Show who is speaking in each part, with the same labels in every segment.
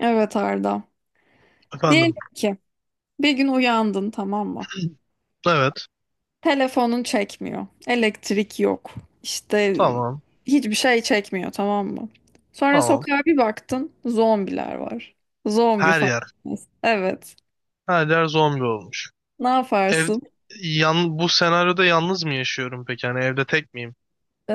Speaker 1: Evet Arda. Diyelim
Speaker 2: Efendim.
Speaker 1: ki bir gün uyandın, tamam mı?
Speaker 2: Evet.
Speaker 1: Telefonun çekmiyor. Elektrik yok. İşte
Speaker 2: Tamam.
Speaker 1: hiçbir şey çekmiyor, tamam mı? Sonra
Speaker 2: Tamam.
Speaker 1: sokağa bir baktın, zombiler var. Zombi
Speaker 2: Her
Speaker 1: falan.
Speaker 2: yer.
Speaker 1: Evet.
Speaker 2: Her yer zombi olmuş.
Speaker 1: Ne
Speaker 2: Ev
Speaker 1: yaparsın?
Speaker 2: yan bu senaryoda yalnız mı yaşıyorum peki? Yani evde tek miyim?
Speaker 1: Ee,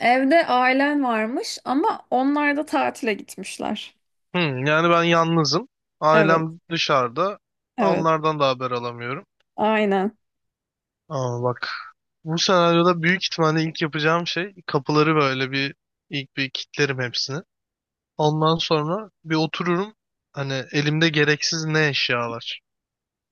Speaker 1: Evde ailen varmış ama onlar da tatile gitmişler.
Speaker 2: Hmm, yani ben yalnızım.
Speaker 1: Evet.
Speaker 2: Ailem dışarıda.
Speaker 1: Evet.
Speaker 2: Onlardan da haber alamıyorum.
Speaker 1: Aynen.
Speaker 2: Ama bak bu senaryoda büyük ihtimalle ilk yapacağım şey kapıları böyle bir ilk kilitlerim hepsini. Ondan sonra bir otururum. Hani elimde gereksiz ne eşya var.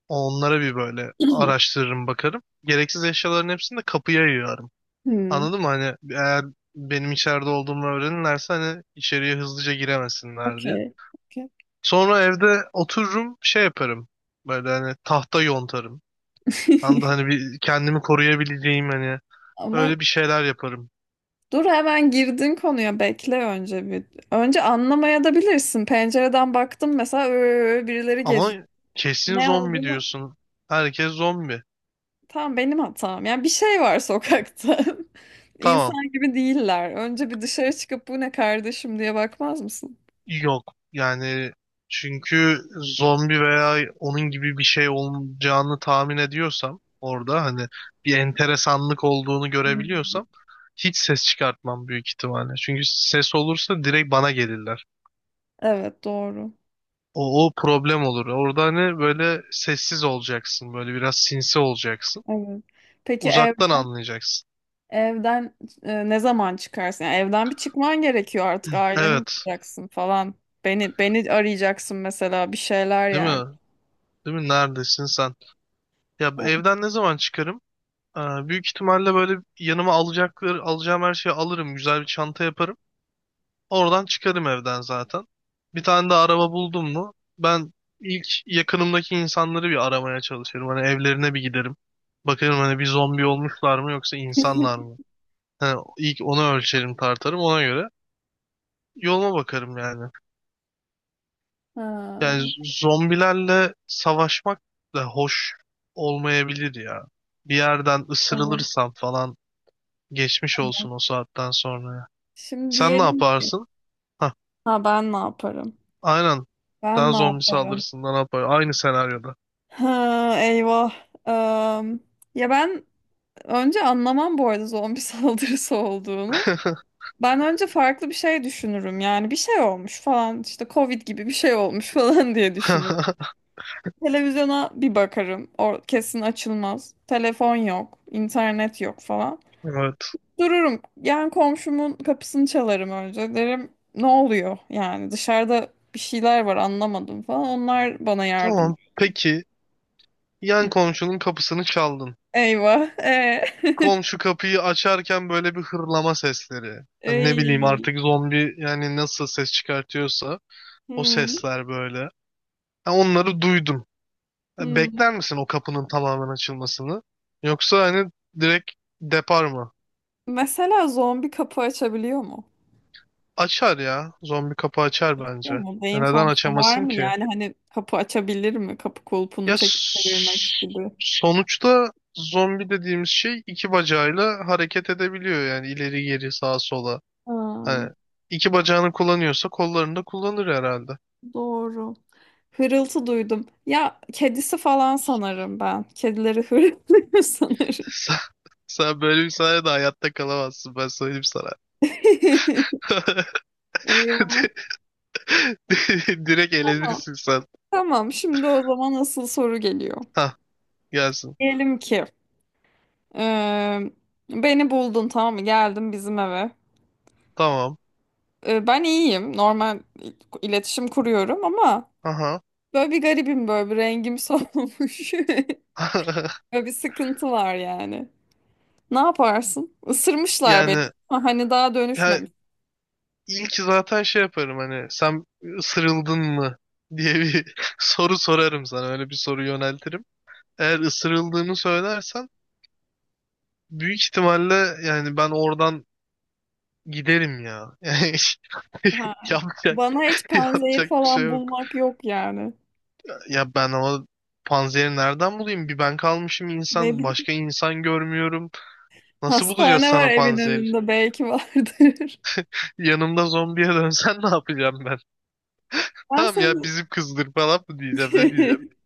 Speaker 2: Onlara bir böyle araştırırım bakarım. Gereksiz eşyaların hepsini de kapıya yığarım.
Speaker 1: Hmm,
Speaker 2: Anladın mı? Hani eğer benim içeride olduğumu öğrenirlerse hani içeriye hızlıca giremesinler diye.
Speaker 1: okey. Okey.
Speaker 2: Sonra evde otururum şey yaparım. Böyle hani tahta yontarım. Anladın hani bir kendimi koruyabileceğim hani
Speaker 1: Ama
Speaker 2: öyle bir şeyler yaparım.
Speaker 1: dur, hemen girdin konuya, bekle önce bir. Önce anlamaya da bilirsin. Pencereden baktım mesela, "Ö, birileri
Speaker 2: Ama
Speaker 1: geziyor."
Speaker 2: kesin
Speaker 1: Ne
Speaker 2: zombi
Speaker 1: olduğunu
Speaker 2: diyorsun. Herkes zombi.
Speaker 1: tam benim hatam. Yani bir şey var sokakta.
Speaker 2: Tamam.
Speaker 1: İnsan gibi değiller. Önce bir dışarı çıkıp bu ne kardeşim diye bakmaz mısın?
Speaker 2: Yok yani çünkü zombi veya onun gibi bir şey olacağını tahmin ediyorsam orada hani bir enteresanlık olduğunu
Speaker 1: Hmm.
Speaker 2: görebiliyorsam hiç ses çıkartmam büyük ihtimalle. Çünkü ses olursa direkt bana gelirler.
Speaker 1: Evet, doğru.
Speaker 2: O problem olur. Orada hani böyle sessiz olacaksın. Böyle biraz sinsi olacaksın.
Speaker 1: Evet. Peki ev,
Speaker 2: Uzaktan anlayacaksın.
Speaker 1: evden ne zaman çıkarsın? Yani evden bir çıkman gerekiyor, artık aileni
Speaker 2: Evet.
Speaker 1: bulacaksın falan. Beni arayacaksın mesela, bir şeyler
Speaker 2: Değil
Speaker 1: yani.
Speaker 2: mi? Değil mi? Neredesin sen? Ya
Speaker 1: Ha,
Speaker 2: evden ne zaman çıkarım? Ee, Büyük ihtimalle böyle yanıma alacakları, alacağım her şeyi alırım. Güzel bir çanta yaparım. Oradan çıkarım evden zaten. Bir tane de araba buldum mu ben ilk yakınımdaki insanları bir aramaya çalışırım. Hani evlerine bir giderim. Bakarım hani bir zombi olmuşlar mı yoksa insanlar mı? Hani ilk onu ölçerim tartarım ona göre. Yoluma bakarım yani.
Speaker 1: ha,
Speaker 2: Yani zombilerle savaşmak da hoş olmayabilir ya. Bir yerden
Speaker 1: tamam,
Speaker 2: ısırılırsam falan geçmiş
Speaker 1: tamam.
Speaker 2: olsun o saatten sonra.
Speaker 1: Şimdi
Speaker 2: Sen ne
Speaker 1: diyelim ki,
Speaker 2: yaparsın? Hah,
Speaker 1: ha, ben ne yaparım?
Speaker 2: aynen.
Speaker 1: Ben
Speaker 2: Daha
Speaker 1: ne
Speaker 2: zombi
Speaker 1: yaparım?
Speaker 2: saldırısından ne yapar. Aynı senaryoda.
Speaker 1: Ha, eyvah. Am, ya ben önce anlamam bu arada zombi saldırısı olduğunu. Ben önce farklı bir şey düşünürüm. Yani bir şey olmuş falan, işte Covid gibi bir şey olmuş falan diye düşünürüm. Televizyona bir bakarım. O kesin açılmaz. Telefon yok, internet yok falan.
Speaker 2: Evet.
Speaker 1: Dururum. Yani komşumun kapısını çalarım önce. Derim, ne oluyor? Yani dışarıda bir şeyler var, anlamadım falan. Onlar bana yardım.
Speaker 2: Tamam. Peki. Yan
Speaker 1: Hı.
Speaker 2: komşunun kapısını çaldın.
Speaker 1: Eyvah.
Speaker 2: Komşu kapıyı açarken böyle bir hırlama sesleri. Hani ne bileyim
Speaker 1: Ey.
Speaker 2: artık zombi yani nasıl ses çıkartıyorsa o
Speaker 1: Hmm,
Speaker 2: sesler böyle. Ha, onları duydun. Ha,
Speaker 1: hmm.
Speaker 2: bekler misin o kapının tamamen açılmasını? Yoksa hani direkt depar mı?
Speaker 1: Mesela zombi kapı açabiliyor mu?
Speaker 2: Açar ya. Zombi kapı açar
Speaker 1: Biliyor
Speaker 2: bence.
Speaker 1: mu?
Speaker 2: Ya
Speaker 1: Beyin
Speaker 2: neden
Speaker 1: fonksiyonu var
Speaker 2: açamasın
Speaker 1: mı?
Speaker 2: ki?
Speaker 1: Yani hani kapı açabilir mi? Kapı kulpunu
Speaker 2: Ya
Speaker 1: çekip çevirmek
Speaker 2: s-
Speaker 1: gibi.
Speaker 2: Sonuçta zombi dediğimiz şey iki bacağıyla hareket edebiliyor yani ileri geri sağa sola.
Speaker 1: Aa,
Speaker 2: Hani iki bacağını kullanıyorsa kollarını da kullanır herhalde.
Speaker 1: doğru. Hırıltı duydum. Ya kedisi falan sanırım ben. Kedileri hırıltı sanırım.
Speaker 2: Sen, sen böyle bir sayede hayatta kalamazsın ben söyleyeyim sana.
Speaker 1: Eyvah.
Speaker 2: Direkt
Speaker 1: Tamam.
Speaker 2: elenirsin sen.
Speaker 1: Tamam. Şimdi o zaman asıl soru geliyor.
Speaker 2: Hah gelsin.
Speaker 1: Diyelim ki, e, beni buldun, tamam mı? Geldim bizim eve.
Speaker 2: Tamam.
Speaker 1: E, ben iyiyim. Normal iletişim kuruyorum ama
Speaker 2: Aha.
Speaker 1: böyle bir garibim, böyle bir rengim solmuş. Böyle bir sıkıntı var yani. Ne yaparsın? Isırmışlar beni.
Speaker 2: Yani
Speaker 1: Ha, hani daha
Speaker 2: ya
Speaker 1: dönüşmemiş.
Speaker 2: İlk zaten şey yaparım hani sen ısırıldın mı diye bir soru sorarım sana öyle bir soru yöneltirim. Eğer ısırıldığını söylersen büyük ihtimalle yani ben oradan giderim ya. Yani
Speaker 1: Ha.
Speaker 2: yapacak
Speaker 1: Bana hiç panzehir
Speaker 2: yapacak bir şey
Speaker 1: falan
Speaker 2: yok.
Speaker 1: bulmak yok yani.
Speaker 2: Ya ben o panzehiri nereden bulayım? Bir ben kalmışım
Speaker 1: Ne
Speaker 2: insan
Speaker 1: bileyim.
Speaker 2: başka insan görmüyorum. Nasıl bulacağız
Speaker 1: Hastane var
Speaker 2: sana
Speaker 1: evin
Speaker 2: panzer?
Speaker 1: önünde, belki vardır.
Speaker 2: Yanımda zombiye dönsen ne yapacağım ben?
Speaker 1: Ben
Speaker 2: Tamam ya
Speaker 1: seni
Speaker 2: bizim kızdır falan mı diyeceğim ne diyeceğim?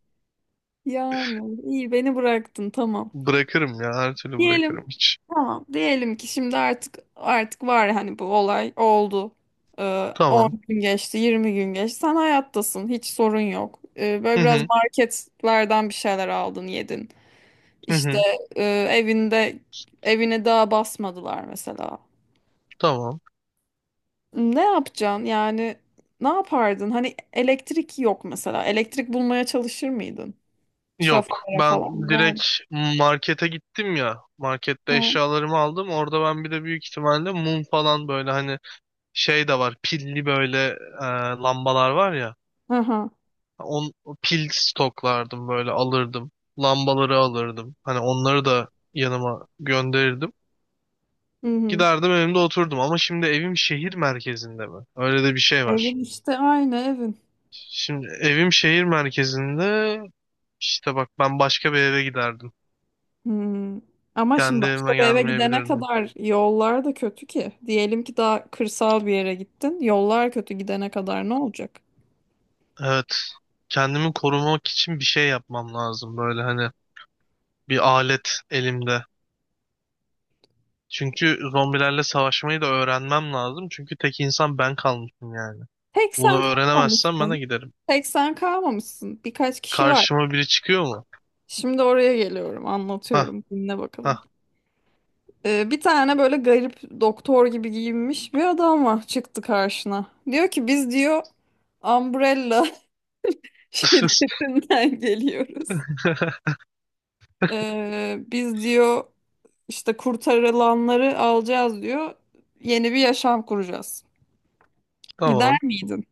Speaker 1: yani iyi, beni bıraktın, tamam.
Speaker 2: Bırakırım ya her türlü
Speaker 1: Diyelim,
Speaker 2: bırakırım hiç.
Speaker 1: tamam, diyelim ki şimdi artık var, hani bu olay oldu. 10
Speaker 2: Tamam.
Speaker 1: gün geçti, 20 gün geçti, sen hayattasın, hiç sorun yok. Böyle
Speaker 2: Hı
Speaker 1: biraz
Speaker 2: hı.
Speaker 1: marketlerden bir şeyler aldın yedin.
Speaker 2: Hı
Speaker 1: İşte
Speaker 2: hı.
Speaker 1: e, evinde evine daha basmadılar mesela.
Speaker 2: Tamam.
Speaker 1: Ne yapacaksın yani, ne yapardın? Hani elektrik yok mesela, elektrik bulmaya çalışır mıydın?
Speaker 2: Yok.
Speaker 1: Trafolara falan
Speaker 2: Ben
Speaker 1: gider
Speaker 2: direkt
Speaker 1: miydin?
Speaker 2: markete gittim ya. Markette
Speaker 1: Ha.
Speaker 2: eşyalarımı aldım. Orada ben bir de büyük ihtimalle mum falan böyle hani şey de var. Pilli böyle e, lambalar var ya.
Speaker 1: Aha.
Speaker 2: On, pil stoklardım böyle alırdım. Lambaları alırdım. Hani onları da yanıma gönderirdim.
Speaker 1: Hı hı.
Speaker 2: Giderdim evimde oturdum ama şimdi evim şehir merkezinde mi? Öyle de bir şey var.
Speaker 1: Evin işte aynı evin.
Speaker 2: Şimdi evim şehir merkezinde. İşte bak ben başka bir eve giderdim.
Speaker 1: Hmm. Ama şimdi
Speaker 2: Kendi
Speaker 1: başka
Speaker 2: evime
Speaker 1: bir eve gidene
Speaker 2: gelmeyebilirdim.
Speaker 1: kadar yollar da kötü ki. Diyelim ki daha kırsal bir yere gittin. Yollar kötü, gidene kadar ne olacak?
Speaker 2: Evet. Kendimi korumak için bir şey yapmam lazım. Böyle hani bir alet elimde. Çünkü zombilerle savaşmayı da öğrenmem lazım. Çünkü tek insan ben kalmışım yani.
Speaker 1: Tek sen
Speaker 2: Bunu öğrenemezsem ben
Speaker 1: kalmamışsın.
Speaker 2: de giderim.
Speaker 1: Tek sen kalmamışsın. Birkaç kişi var.
Speaker 2: Karşıma biri çıkıyor mu?
Speaker 1: Şimdi oraya geliyorum,
Speaker 2: Hah
Speaker 1: anlatıyorum. Dinle bakalım.
Speaker 2: hah.
Speaker 1: Bir tane böyle garip doktor gibi giyinmiş bir adam var, çıktı karşına. Diyor ki, biz diyor Umbrella şirketinden geliyoruz. Biz diyor, İşte kurtarılanları alacağız diyor. Yeni bir yaşam kuracağız. Gider
Speaker 2: Tamam.
Speaker 1: miydin?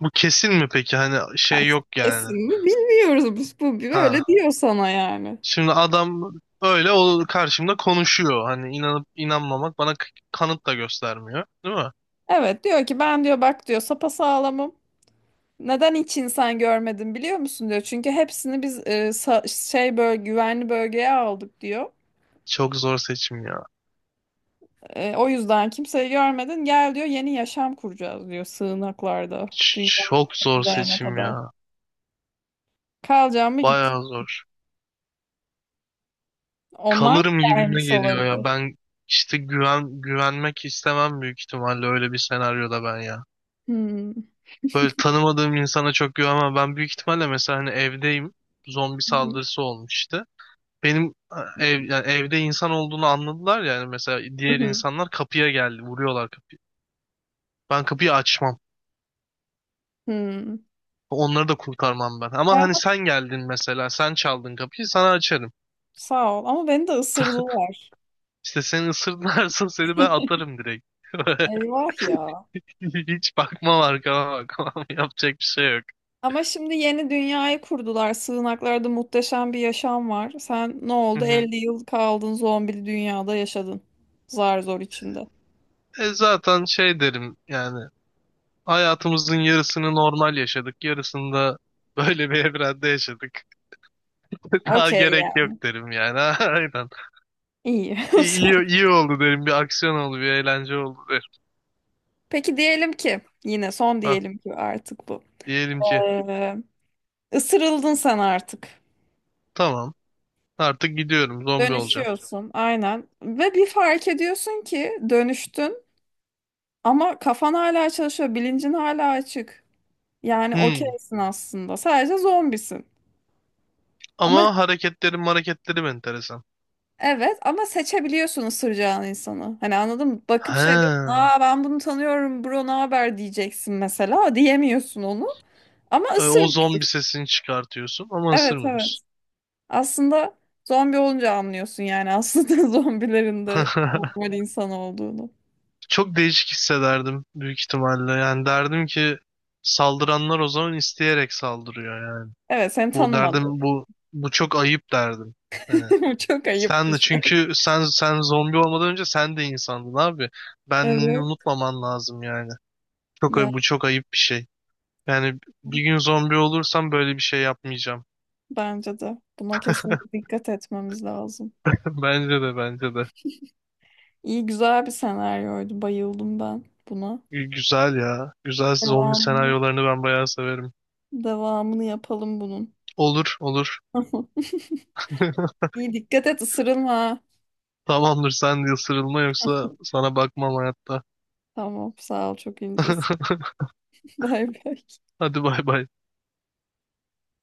Speaker 2: Bu kesin mi peki? Hani şey yok yani.
Speaker 1: Kesin mi? Bilmiyoruz, biz bu böyle
Speaker 2: Ha,
Speaker 1: diyor sana yani.
Speaker 2: şimdi adam öyle o karşımda konuşuyor. Hani inanıp inanmamak bana kanıt da göstermiyor. Değil mi?
Speaker 1: Evet, diyor ki ben diyor bak diyor sapasağlamım. Neden hiç insan görmedim biliyor musun diyor. Çünkü hepsini biz şey, böyle güvenli bölgeye aldık diyor.
Speaker 2: Çok zor seçim ya.
Speaker 1: E, o yüzden kimseyi görmedin. Gel diyor, yeni yaşam kuracağız diyor, sığınaklarda. Dünya
Speaker 2: Ç- çok zor
Speaker 1: gidene
Speaker 2: seçim
Speaker 1: kadar.
Speaker 2: ya.
Speaker 1: Kalacağım mı, git.
Speaker 2: Bayağı zor.
Speaker 1: Onlar da
Speaker 2: Kalırım gibime
Speaker 1: gelmiş
Speaker 2: geliyor ya.
Speaker 1: olabilir.
Speaker 2: Ben işte güvenmek istemem büyük ihtimalle öyle bir senaryoda ben ya.
Speaker 1: Hmm.
Speaker 2: Böyle tanımadığım insana çok güvenmem. Ben büyük ihtimalle mesela hani evdeyim. Zombi saldırısı olmuş işte. Benim yani evde insan olduğunu anladılar yani mesela diğer insanlar kapıya geldi vuruyorlar kapıyı. Ben kapıyı açmam.
Speaker 1: Hmm.
Speaker 2: Onları da kurtarmam ben.
Speaker 1: E
Speaker 2: Ama hani
Speaker 1: ama
Speaker 2: sen geldin mesela. Sen çaldın kapıyı. Sana açarım.
Speaker 1: sağ ol. Ama beni de ısırdılar.
Speaker 2: İşte seni ısırırlarsa seni ben atarım direkt.
Speaker 1: Eyvah ya.
Speaker 2: Hiç bakmam arkama bakmam. Yapacak bir şey yok.
Speaker 1: Ama şimdi yeni dünyayı kurdular. Sığınaklarda muhteşem bir yaşam var. Sen ne
Speaker 2: Hı
Speaker 1: oldu?
Speaker 2: hı.
Speaker 1: 50 yıl kaldın zombili dünyada yaşadın. Zar zor içinde.
Speaker 2: E zaten şey derim yani hayatımızın yarısını normal yaşadık. Yarısını da böyle bir evrende yaşadık. Daha
Speaker 1: Okey ya.
Speaker 2: gerek yok derim yani. Aynen.
Speaker 1: İyi.
Speaker 2: İyi, iyi, iyi oldu derim. Bir aksiyon oldu, bir eğlence oldu derim.
Speaker 1: Peki diyelim ki yine son,
Speaker 2: Ha,
Speaker 1: diyelim ki artık bu.
Speaker 2: diyelim ki
Speaker 1: Ee, ısırıldın sen artık.
Speaker 2: tamam artık gidiyorum zombi olacağım.
Speaker 1: Dönüşüyorsun aynen. Ve bir fark ediyorsun ki dönüştün ama kafan hala çalışıyor, bilincin hala açık. Yani
Speaker 2: Hmm.
Speaker 1: okeysin aslında. Sadece zombisin. Ama
Speaker 2: Ama hareketleri hareketleri enteresan.
Speaker 1: evet, ama seçebiliyorsun ısıracağın insanı. Hani anladın mı? Bakıp şey diyorsun.
Speaker 2: Ha.
Speaker 1: Aa, ben bunu tanıyorum bro, ne haber diyeceksin mesela. Diyemiyorsun onu. Ama
Speaker 2: E, o
Speaker 1: ısırmıyor.
Speaker 2: zombi sesini çıkartıyorsun ama
Speaker 1: Evet, evet.
Speaker 2: ısırmıyorsun.
Speaker 1: Aslında zombi olunca anlıyorsun yani aslında zombilerin de normal insan olduğunu.
Speaker 2: Çok değişik hissederdim büyük ihtimalle. Yani derdim ki saldıranlar o zaman isteyerek saldırıyor yani.
Speaker 1: Evet, seni
Speaker 2: Bu
Speaker 1: tanımadı.
Speaker 2: derdim bu bu çok ayıp derdim. Hani
Speaker 1: Bu çok ayıp
Speaker 2: sen
Speaker 1: bir
Speaker 2: de
Speaker 1: şey.
Speaker 2: çünkü sen zombi olmadan önce sen de insandın abi. Benliğini
Speaker 1: Evet.
Speaker 2: unutmaman lazım yani.
Speaker 1: Ya,
Speaker 2: Bu çok ayıp bir şey. Yani bir gün zombi olursam böyle bir şey yapmayacağım.
Speaker 1: bence de. Buna kesinlikle dikkat etmemiz lazım.
Speaker 2: Bence de bence de.
Speaker 1: İyi, güzel bir senaryoydu. Bayıldım ben buna.
Speaker 2: Gü- güzel ya. Güzel zombi
Speaker 1: Devamını,
Speaker 2: senaryolarını ben bayağı severim.
Speaker 1: devamını yapalım bunun.
Speaker 2: Olur olur.
Speaker 1: Tamam. İyi, dikkat et, ısırılma.
Speaker 2: Tamamdır sen de ısırılma yoksa sana bakmam hayatta.
Speaker 1: Tamam, sağ ol, çok incesin. Bay bay.
Speaker 2: Hadi bay bay.